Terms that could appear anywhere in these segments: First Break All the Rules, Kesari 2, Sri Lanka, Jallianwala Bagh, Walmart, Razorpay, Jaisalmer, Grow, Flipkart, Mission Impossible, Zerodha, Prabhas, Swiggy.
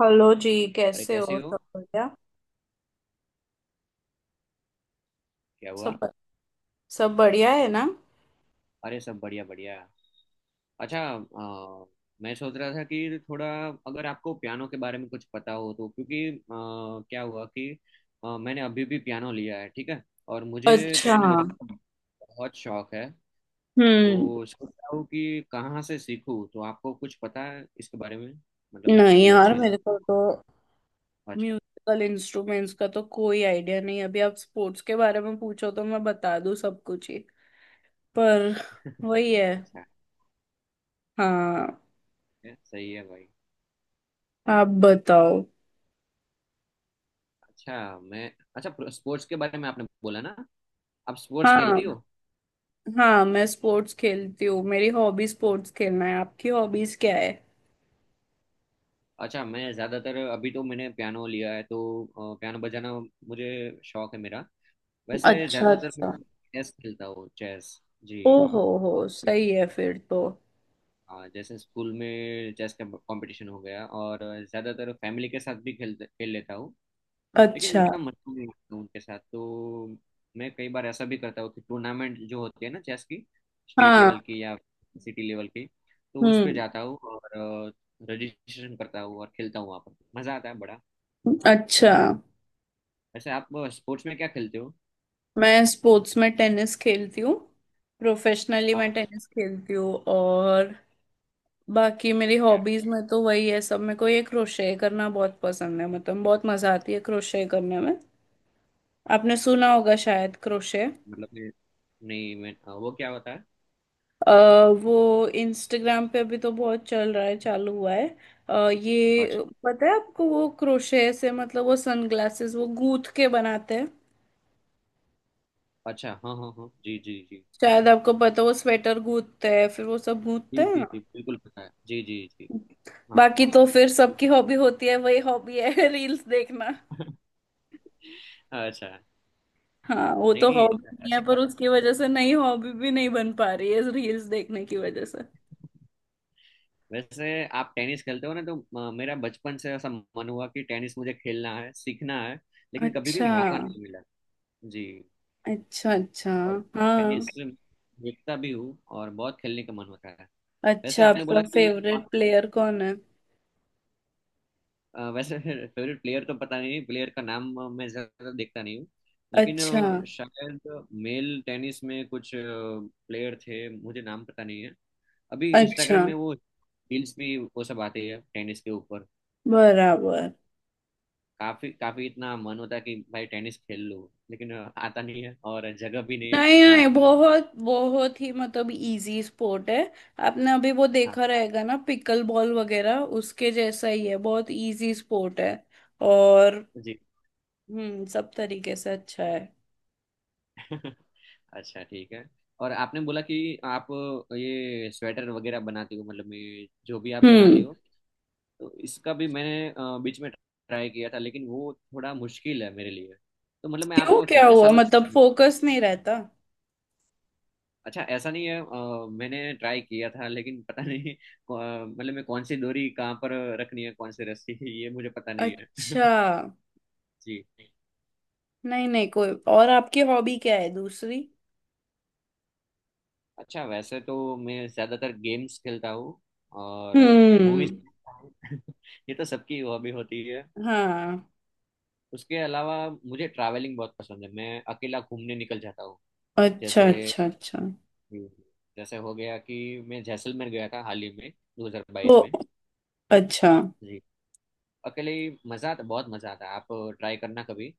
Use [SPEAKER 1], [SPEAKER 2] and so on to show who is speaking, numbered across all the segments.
[SPEAKER 1] Hello जी।
[SPEAKER 2] अरे,
[SPEAKER 1] कैसे
[SPEAKER 2] कैसे
[SPEAKER 1] हो? सब
[SPEAKER 2] हो?
[SPEAKER 1] बढ़िया।
[SPEAKER 2] क्या
[SPEAKER 1] सब
[SPEAKER 2] हुआ?
[SPEAKER 1] सब बढ़िया है ना?
[SPEAKER 2] अरे, सब बढ़िया बढ़िया। अच्छा, मैं सोच रहा था कि थोड़ा, अगर आपको पियानो के बारे में कुछ पता हो, तो क्योंकि क्या हुआ कि मैंने अभी भी पियानो लिया है, ठीक है, और मुझे
[SPEAKER 1] अच्छा।
[SPEAKER 2] पियानो बजाने का बहुत शौक है।
[SPEAKER 1] हम्म।
[SPEAKER 2] तो सोच रहा हूँ कि कहाँ से सीखूँ, तो आपको कुछ पता है इसके बारे में? मतलब मैं
[SPEAKER 1] नहीं
[SPEAKER 2] कोई
[SPEAKER 1] यार,
[SPEAKER 2] अच्छी सी।
[SPEAKER 1] मेरे को तो
[SPEAKER 2] अच्छा।
[SPEAKER 1] म्यूजिकल इंस्ट्रूमेंट्स का तो कोई आइडिया नहीं। अभी आप स्पोर्ट्स के बारे में पूछो तो मैं बता दूं सब कुछ ही। पर वही है।
[SPEAKER 2] अच्छा
[SPEAKER 1] हाँ।
[SPEAKER 2] है, सही है भाई।
[SPEAKER 1] आप बताओ।
[SPEAKER 2] अच्छा, मैं। अच्छा, स्पोर्ट्स के बारे में आपने बोला ना, आप स्पोर्ट्स
[SPEAKER 1] हाँ।
[SPEAKER 2] खेलती हो?
[SPEAKER 1] हाँ मैं स्पोर्ट्स खेलती हूँ। मेरी हॉबी स्पोर्ट्स खेलना है। आपकी हॉबीज क्या है?
[SPEAKER 2] अच्छा, मैं ज़्यादातर अभी तो मैंने पियानो लिया है, तो पियानो बजाना मुझे शौक है मेरा। वैसे
[SPEAKER 1] अच्छा
[SPEAKER 2] ज़्यादातर मैं
[SPEAKER 1] अच्छा।
[SPEAKER 2] चेस खेलता हूँ, चेस। जी।
[SPEAKER 1] ओ हो,
[SPEAKER 2] और
[SPEAKER 1] सही है फिर तो।
[SPEAKER 2] हाँ, जैसे स्कूल में चेस का कंपटीशन हो गया, और ज़्यादातर फैमिली के साथ भी खेल खेल लेता हूँ, लेकिन
[SPEAKER 1] अच्छा।
[SPEAKER 2] उतना मजा नहीं आता उनके साथ। तो मैं कई बार ऐसा भी करता हूँ कि टूर्नामेंट जो होती है ना चेस की, स्टेट
[SPEAKER 1] हाँ।
[SPEAKER 2] लेवल की या सिटी लेवल की, तो उस पे
[SPEAKER 1] हम्म।
[SPEAKER 2] जाता हूँ और रजिस्ट्रेशन करता हूँ और खेलता हूँ, वहाँ पर मज़ा आता है बड़ा।
[SPEAKER 1] अच्छा,
[SPEAKER 2] वैसे आप स्पोर्ट्स में क्या खेलते हो?
[SPEAKER 1] मैं स्पोर्ट्स में टेनिस खेलती हूँ। प्रोफेशनली मैं
[SPEAKER 2] पाँच।
[SPEAKER 1] टेनिस खेलती हूँ। और बाकी मेरी
[SPEAKER 2] क्या?
[SPEAKER 1] हॉबीज में तो वही है सब। मेरे को ये क्रोशे करना बहुत पसंद है। मतलब बहुत मजा आती है क्रोशे करने में। आपने सुना होगा शायद, क्रोशे।
[SPEAKER 2] मतलब मैं, नहीं मैं, हाँ, वो क्या होता है?
[SPEAKER 1] अ, वो इंस्टाग्राम पे अभी तो बहुत चल रहा है, चालू हुआ है।
[SPEAKER 2] पाँच।
[SPEAKER 1] ये पता है आपको, वो क्रोशे से मतलब वो सनग्लासेस वो गूंथ के बनाते हैं।
[SPEAKER 2] अच्छा, हाँ हाँ हाँ, जी जी जी,
[SPEAKER 1] शायद आपको पता है, वो स्वेटर गूंथते हैं, फिर वो सब गूंथते
[SPEAKER 2] जी
[SPEAKER 1] हैं
[SPEAKER 2] जी
[SPEAKER 1] ना।
[SPEAKER 2] जी, बिल्कुल पता है, जी जी जी। हाँ।
[SPEAKER 1] बाकी तो फिर सबकी हॉबी होती है, वही हॉबी है रील्स देखना।
[SPEAKER 2] अच्छा।
[SPEAKER 1] हाँ, वो
[SPEAKER 2] नहीं
[SPEAKER 1] तो हॉबी
[SPEAKER 2] नहीं,
[SPEAKER 1] नहीं है
[SPEAKER 2] अच्छी
[SPEAKER 1] पर
[SPEAKER 2] बात है।
[SPEAKER 1] उसकी वजह से नई हॉबी भी नहीं बन पा रही है रील्स देखने की वजह से।
[SPEAKER 2] वैसे आप टेनिस खेलते हो ना, तो मेरा बचपन से ऐसा मन हुआ कि टेनिस मुझे खेलना है, सीखना है, लेकिन कभी भी
[SPEAKER 1] अच्छा
[SPEAKER 2] मौका नहीं मिला। जी।
[SPEAKER 1] अच्छा। अच्छा।
[SPEAKER 2] और
[SPEAKER 1] हाँ।
[SPEAKER 2] टेनिस देखता भी हूँ और बहुत खेलने का मन होता है। वैसे
[SPEAKER 1] अच्छा,
[SPEAKER 2] आपने बोला
[SPEAKER 1] आपका
[SPEAKER 2] कि
[SPEAKER 1] फेवरेट
[SPEAKER 2] आप,
[SPEAKER 1] प्लेयर कौन है?
[SPEAKER 2] वैसे फेवरेट प्लेयर तो पता नहीं, प्लेयर का नाम मैं ज्यादा देखता नहीं हूँ, लेकिन
[SPEAKER 1] अच्छा
[SPEAKER 2] शायद मेल टेनिस में कुछ प्लेयर थे, मुझे नाम पता नहीं है। अभी इंस्टाग्राम
[SPEAKER 1] अच्छा।
[SPEAKER 2] में वो रील्स भी वो सब आते हैं टेनिस के ऊपर।
[SPEAKER 1] बराबर।
[SPEAKER 2] काफी काफी इतना मन होता है कि भाई टेनिस खेल लो, लेकिन आता नहीं है और जगह भी नहीं है,
[SPEAKER 1] नहीं
[SPEAKER 2] कहाँ
[SPEAKER 1] नहीं,
[SPEAKER 2] खेलूँ।
[SPEAKER 1] बहुत बहुत ही मतलब इजी स्पोर्ट है। आपने अभी वो
[SPEAKER 2] हाँ,
[SPEAKER 1] देखा रहेगा ना, पिकल बॉल वगैरह, उसके जैसा ही है, बहुत इजी स्पोर्ट है। और
[SPEAKER 2] जी।
[SPEAKER 1] हम्म, सब तरीके से अच्छा है।
[SPEAKER 2] अच्छा ठीक है। और आपने बोला कि आप ये स्वेटर वगैरह बनाती हो, मतलब ये जो भी आप बनाती
[SPEAKER 1] हम्म।
[SPEAKER 2] हो, तो इसका भी मैंने बीच में ट्राई किया था, लेकिन वो थोड़ा मुश्किल है मेरे लिए। तो मतलब मैं
[SPEAKER 1] क्यों,
[SPEAKER 2] आपको
[SPEAKER 1] क्या
[SPEAKER 2] कितने
[SPEAKER 1] हुआ?
[SPEAKER 2] सालों
[SPEAKER 1] मतलब
[SPEAKER 2] से।
[SPEAKER 1] फोकस नहीं रहता?
[SPEAKER 2] अच्छा, ऐसा नहीं है, मैंने ट्राई किया था, लेकिन पता नहीं, मतलब मैं कौन सी डोरी कहाँ पर रखनी है, कौन सी रस्सी ये मुझे पता नहीं है।
[SPEAKER 1] अच्छा।
[SPEAKER 2] जी।
[SPEAKER 1] नहीं नहीं, कोई और आपकी हॉबी क्या है दूसरी?
[SPEAKER 2] अच्छा, वैसे तो मैं ज़्यादातर गेम्स खेलता हूँ और
[SPEAKER 1] हम्म।
[SPEAKER 2] मूवीज देखता हूँ। ये तो सबकी हॉबी होती है।
[SPEAKER 1] हाँ।
[SPEAKER 2] उसके अलावा मुझे ट्रैवलिंग बहुत पसंद है, मैं अकेला घूमने निकल जाता हूँ।
[SPEAKER 1] अच्छा
[SPEAKER 2] जैसे।
[SPEAKER 1] अच्छा अच्छा।
[SPEAKER 2] जी। जैसे हो गया कि मैं जैसलमेर गया था हाल ही में,
[SPEAKER 1] तो
[SPEAKER 2] 2022 में।
[SPEAKER 1] अच्छा।
[SPEAKER 2] जी। अकेले ही। मजा आता, बहुत मजा आता है। आप ट्राई करना कभी।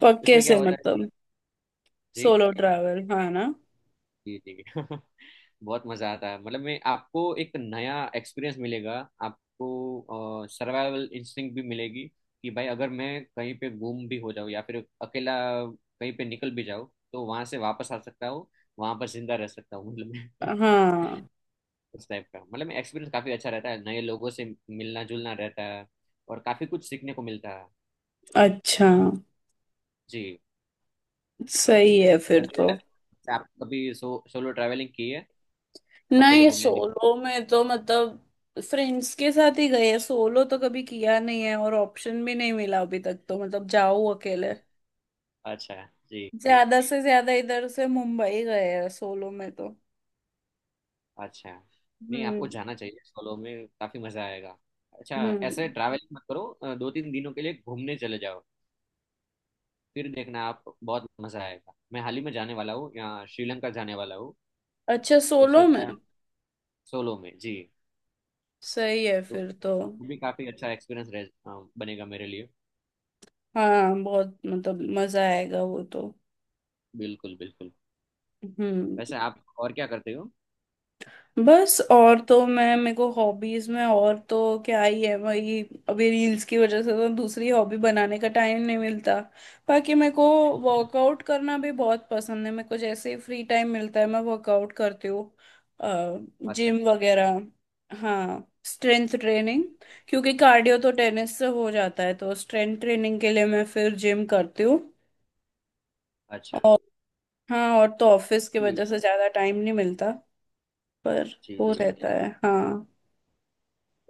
[SPEAKER 1] पक्के
[SPEAKER 2] इसमें क्या
[SPEAKER 1] से
[SPEAKER 2] होता है कि,
[SPEAKER 1] मतलब
[SPEAKER 2] जी
[SPEAKER 1] सोलो ट्रैवल, हाँ ना?
[SPEAKER 2] जी जी। बहुत मजा आता है, मतलब मैं आपको, एक नया एक्सपीरियंस मिलेगा। आपको सर्वाइवल इंस्टिंक्ट भी मिलेगी कि भाई अगर मैं कहीं पे गुम भी हो जाऊँ या फिर अकेला कहीं पे निकल भी जाऊँ, तो वहां से वापस आ सकता हूँ, वहां पर जिंदा रह सकता हूँ, मतलब मैं।
[SPEAKER 1] हाँ।
[SPEAKER 2] उस टाइप का मतलब एक्सपीरियंस काफी अच्छा रहता है, नए लोगों से मिलना जुलना रहता है, और काफी कुछ सीखने को मिलता है।
[SPEAKER 1] अच्छा।
[SPEAKER 2] जी।
[SPEAKER 1] सही है फिर तो।
[SPEAKER 2] वैसे आप कभी सोलो ट्रैवलिंग की है? अकेले
[SPEAKER 1] नहीं,
[SPEAKER 2] घूमने निक...
[SPEAKER 1] सोलो में तो मतलब फ्रेंड्स के साथ ही गए, सोलो तो कभी किया नहीं है और ऑप्शन भी नहीं मिला अभी तक, तो मतलब जाओ अकेले।
[SPEAKER 2] अच्छा, जी जी।
[SPEAKER 1] ज्यादा से ज्यादा इधर से मुंबई गए हैं सोलो में तो।
[SPEAKER 2] अच्छा, नहीं आपको
[SPEAKER 1] हम्म।
[SPEAKER 2] जाना चाहिए सोलो में, काफी मजा आएगा। अच्छा,
[SPEAKER 1] हम्म।
[SPEAKER 2] ऐसे ट्रैवलिंग मत करो, दो तीन दिनों के लिए घूमने चले जाओ, फिर देखना आप, बहुत मजा आएगा। मैं हाल ही में जाने वाला हूँ, यहाँ श्रीलंका जाने वाला हूँ,
[SPEAKER 1] अच्छा,
[SPEAKER 2] तो
[SPEAKER 1] सोलो में।
[SPEAKER 2] सोचा सोलो में। जी।
[SPEAKER 1] सही है
[SPEAKER 2] तो
[SPEAKER 1] फिर तो।
[SPEAKER 2] वो भी काफी अच्छा एक्सपीरियंस रह, बनेगा मेरे लिए।
[SPEAKER 1] हाँ बहुत मतलब मजा आएगा वो तो।
[SPEAKER 2] बिल्कुल बिल्कुल।
[SPEAKER 1] हम्म।
[SPEAKER 2] वैसे आप और क्या करते हो?
[SPEAKER 1] बस, और तो मैं मेरे को हॉबीज में और तो क्या ही है, वही। अभी रील्स की वजह से तो दूसरी हॉबी बनाने का टाइम नहीं मिलता। बाकी मेरे को वर्कआउट करना भी बहुत पसंद है। मेरे को जैसे ही फ्री टाइम मिलता है मैं वर्कआउट करती हूँ।
[SPEAKER 2] अच्छा
[SPEAKER 1] जिम वगैरह। हाँ, स्ट्रेंथ ट्रेनिंग। क्योंकि कार्डियो तो टेनिस से हो जाता है तो स्ट्रेंथ ट्रेनिंग के लिए मैं फिर जिम करती हूँ।
[SPEAKER 2] अच्छा।
[SPEAKER 1] और हाँ, और तो ऑफिस की
[SPEAKER 2] जी
[SPEAKER 1] वजह से ज्यादा टाइम नहीं मिलता पर
[SPEAKER 2] जी
[SPEAKER 1] वो
[SPEAKER 2] जी।
[SPEAKER 1] रहता है। हाँ।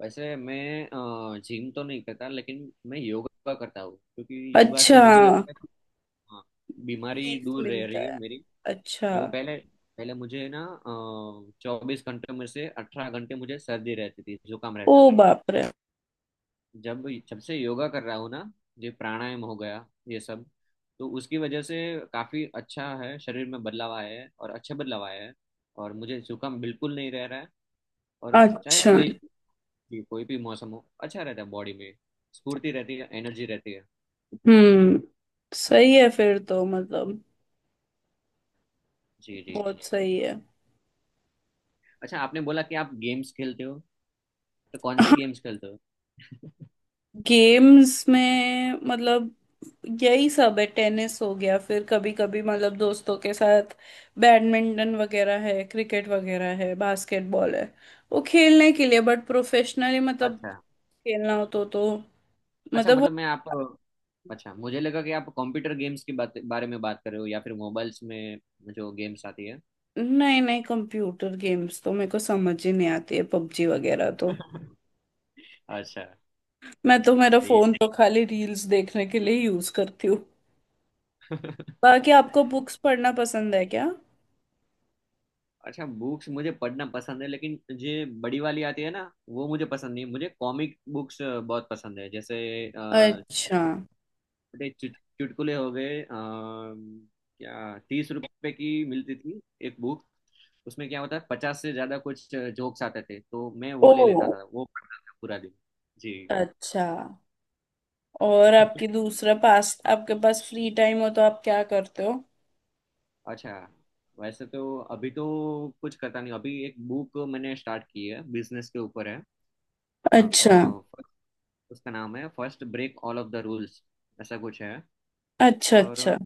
[SPEAKER 2] वैसे मैं जिम तो नहीं करता, लेकिन मैं योगा करता हूँ, क्योंकि योगा से
[SPEAKER 1] अच्छा।
[SPEAKER 2] मुझे लगता है कि, हाँ, बीमारी
[SPEAKER 1] पीस
[SPEAKER 2] दूर रह
[SPEAKER 1] मिलता
[SPEAKER 2] रही है
[SPEAKER 1] है।
[SPEAKER 2] मेरी,
[SPEAKER 1] अच्छा।
[SPEAKER 2] जो पहले पहले मुझे ना 24 घंटे में से 18 घंटे मुझे सर्दी रहती थी, जुकाम
[SPEAKER 1] ओ
[SPEAKER 2] रहता था।
[SPEAKER 1] बाप रे।
[SPEAKER 2] जब जब से योगा कर रहा हूँ ना, ये प्राणायाम हो गया ये सब, तो उसकी वजह से काफी अच्छा है, शरीर में बदलाव आया है और अच्छे बदलाव आया है, और मुझे जुकाम बिल्कुल नहीं रह रहा है, और चाहे
[SPEAKER 1] अच्छा।
[SPEAKER 2] कोई भी मौसम हो, अच्छा रहता है बॉडी में, स्फूर्ति रहती है, एनर्जी रहती है।
[SPEAKER 1] हम्म। सही है फिर तो, मतलब
[SPEAKER 2] जी जी।
[SPEAKER 1] बहुत सही है।
[SPEAKER 2] अच्छा, आपने बोला कि आप गेम्स खेलते हो, तो कौन से
[SPEAKER 1] हाँ,
[SPEAKER 2] गेम्स खेलते हो?
[SPEAKER 1] गेम्स में मतलब यही सब है। टेनिस हो गया, फिर कभी कभी मतलब दोस्तों के साथ बैडमिंटन वगैरह है, क्रिकेट वगैरह है, बास्केटबॉल है, वो खेलने के लिए। बट प्रोफेशनली मतलब
[SPEAKER 2] अच्छा
[SPEAKER 1] खेलना हो तो
[SPEAKER 2] अच्छा,
[SPEAKER 1] मतलब वो।
[SPEAKER 2] मतलब मैं आप, अच्छा मुझे लगा कि आप कंप्यूटर गेम्स के बारे में बात कर रहे हो, या फिर मोबाइल्स में जो गेम्स आती है।
[SPEAKER 1] नहीं नहीं, कंप्यूटर गेम्स तो मेरे को समझ ही नहीं आती है, पबजी वगैरह तो।
[SPEAKER 2] अच्छा,
[SPEAKER 1] मैं तो मेरा
[SPEAKER 2] सही
[SPEAKER 1] फोन तो खाली रील्स देखने के लिए यूज करती हूँ।
[SPEAKER 2] है।
[SPEAKER 1] बाकी आपको बुक्स पढ़ना पसंद है क्या?
[SPEAKER 2] अच्छा, बुक्स मुझे पढ़ना पसंद है, लेकिन ये बड़ी वाली आती है ना, वो मुझे पसंद नहीं है। मुझे कॉमिक बुक्स बहुत पसंद है, जैसे छोटे
[SPEAKER 1] अच्छा।
[SPEAKER 2] छोटे चुटकुले हो गए, क्या 30 रुपए की मिलती थी एक बुक, उसमें क्या होता है 50 से ज्यादा कुछ जोक्स आते थे, तो मैं वो
[SPEAKER 1] ओ।
[SPEAKER 2] ले लेता था, वो पढ़ता था पूरा दिन। जी।
[SPEAKER 1] अच्छा। और आपकी दूसरा पास आपके पास फ्री टाइम हो तो आप क्या करते हो?
[SPEAKER 2] अच्छा, वैसे तो अभी तो कुछ करता नहीं, अभी एक बुक मैंने स्टार्ट की है बिजनेस के ऊपर है,
[SPEAKER 1] अच्छा
[SPEAKER 2] उसका नाम है first break all of the rules, ऐसा कुछ है।
[SPEAKER 1] अच्छा।
[SPEAKER 2] और
[SPEAKER 1] अच्छा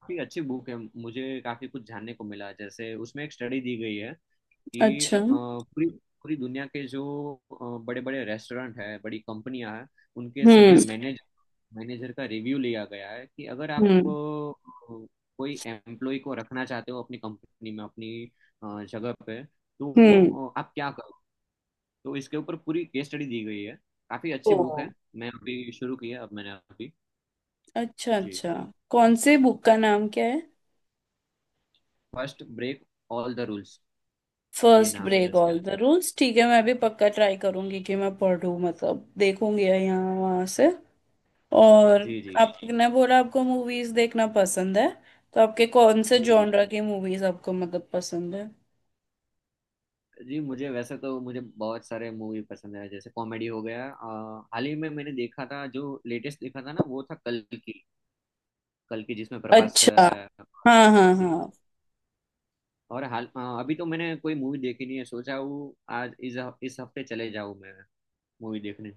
[SPEAKER 2] काफी अच्छी बुक है, मुझे काफी कुछ जानने को मिला, जैसे उसमें एक स्टडी दी गई है कि
[SPEAKER 1] अच्छा।
[SPEAKER 2] पूरी पूरी दुनिया के जो बड़े बड़े रेस्टोरेंट है, बड़ी कंपनियां हैं, उनके सभी
[SPEAKER 1] हम्म।
[SPEAKER 2] मैनेज, मैनेजर का रिव्यू लिया गया है, कि अगर आप
[SPEAKER 1] हम्म।
[SPEAKER 2] कोई एम्प्लॉय को रखना चाहते हो अपनी कंपनी में, अपनी जगह पे, तो वो
[SPEAKER 1] हम्म।
[SPEAKER 2] आप क्या करो, तो इसके ऊपर पूरी केस स्टडी दी गई है, काफी
[SPEAKER 1] ओ।
[SPEAKER 2] अच्छी बुक है। मैं अभी शुरू की है, अब मैंने अभी।
[SPEAKER 1] अच्छा
[SPEAKER 2] जी।
[SPEAKER 1] अच्छा। कौन से, बुक का नाम क्या है?
[SPEAKER 2] First break all the rules, ये
[SPEAKER 1] फर्स्ट
[SPEAKER 2] नाम है
[SPEAKER 1] ब्रेक
[SPEAKER 2] उसका।
[SPEAKER 1] ऑल द रूल्स, ठीक है। मैं भी पक्का ट्राई करूंगी कि मैं पढ़ूं, मतलब देखूंगी यहाँ वहां से। और
[SPEAKER 2] जी जी
[SPEAKER 1] आपने बोला आपको मूवीज देखना पसंद है, तो आपके कौन से
[SPEAKER 2] जी जी।
[SPEAKER 1] जॉनरा की मूवीज आपको मतलब पसंद है?
[SPEAKER 2] जी, मुझे वैसे तो मुझे बहुत सारे मूवी पसंद है, जैसे कॉमेडी हो गया, हाल ही में मैंने देखा था जो लेटेस्ट देखा था ना, वो था कल की, कल की जिसमें प्रभास
[SPEAKER 1] अच्छा,
[SPEAKER 2] है।
[SPEAKER 1] हाँ हाँ
[SPEAKER 2] जी।
[SPEAKER 1] हाँ।
[SPEAKER 2] और हाल अभी तो मैंने कोई मूवी देखी नहीं है, सोचा हूँ आज इस हफ्ते चले जाऊँ मैं मूवी देखने।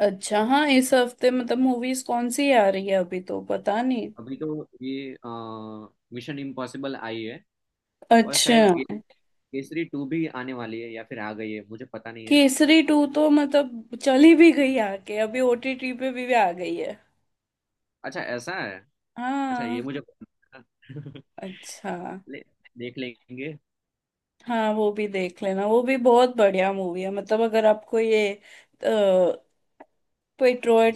[SPEAKER 1] अच्छा हाँ, इस हफ्ते मतलब मूवीज कौन सी आ रही है अभी तो पता नहीं।
[SPEAKER 2] अभी तो ये मिशन इम्पॉसिबल आई है, और
[SPEAKER 1] अच्छा।
[SPEAKER 2] शायद केसरी टू भी आने वाली है या फिर आ गई है, मुझे पता नहीं है।
[SPEAKER 1] केसरी टू तो मतलब चली भी गई आके, अभी ओटीटी पे भी आ गई है।
[SPEAKER 2] अच्छा, ऐसा है? अच्छा, ये
[SPEAKER 1] हाँ।
[SPEAKER 2] मुझे पता नहीं था।
[SPEAKER 1] अच्छा।
[SPEAKER 2] ले, देख लेंगे।
[SPEAKER 1] हाँ वो भी देख लेना, वो भी बहुत बढ़िया मूवी है। मतलब अगर आपको ये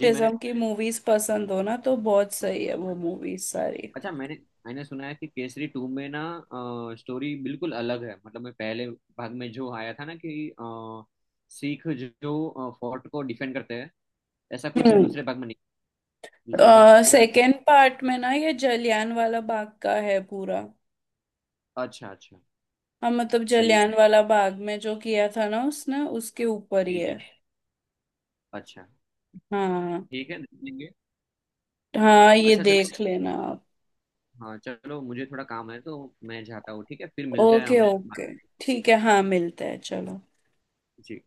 [SPEAKER 2] जी, मैंने
[SPEAKER 1] की मूवीज पसंद हो ना तो बहुत सही है वो मूवीज सारी।
[SPEAKER 2] अच्छा मैंने मैंने सुना है कि केसरी टू में ना स्टोरी बिल्कुल अलग है, मतलब मैं पहले भाग में जो आया था ना कि सिख जो फोर्ट को डिफेंड करते हैं, ऐसा कुछ
[SPEAKER 1] हम्म।
[SPEAKER 2] दूसरे भाग में नहीं, दूसरा भाग पूरा।
[SPEAKER 1] सेकेंड पार्ट में ना, ये जलियान वाला बाग का है पूरा।
[SPEAKER 2] अच्छा अच्छा,
[SPEAKER 1] हाँ, मतलब
[SPEAKER 2] सही है,
[SPEAKER 1] जलियान वाला बाग में जो किया था ना उसने, उसके ऊपर ही
[SPEAKER 2] जी जी।
[SPEAKER 1] है।
[SPEAKER 2] अच्छा
[SPEAKER 1] हाँ।
[SPEAKER 2] ठीक है, देखेंगे।
[SPEAKER 1] हाँ ये
[SPEAKER 2] अच्छा चलो,
[SPEAKER 1] देख लेना आप।
[SPEAKER 2] हाँ चलो, मुझे थोड़ा काम है तो मैं जाता हूँ, ठीक है फिर मिलते हैं
[SPEAKER 1] ओके
[SPEAKER 2] हम।
[SPEAKER 1] ओके। ठीक है, हाँ, मिलते हैं, चलो।
[SPEAKER 2] जी।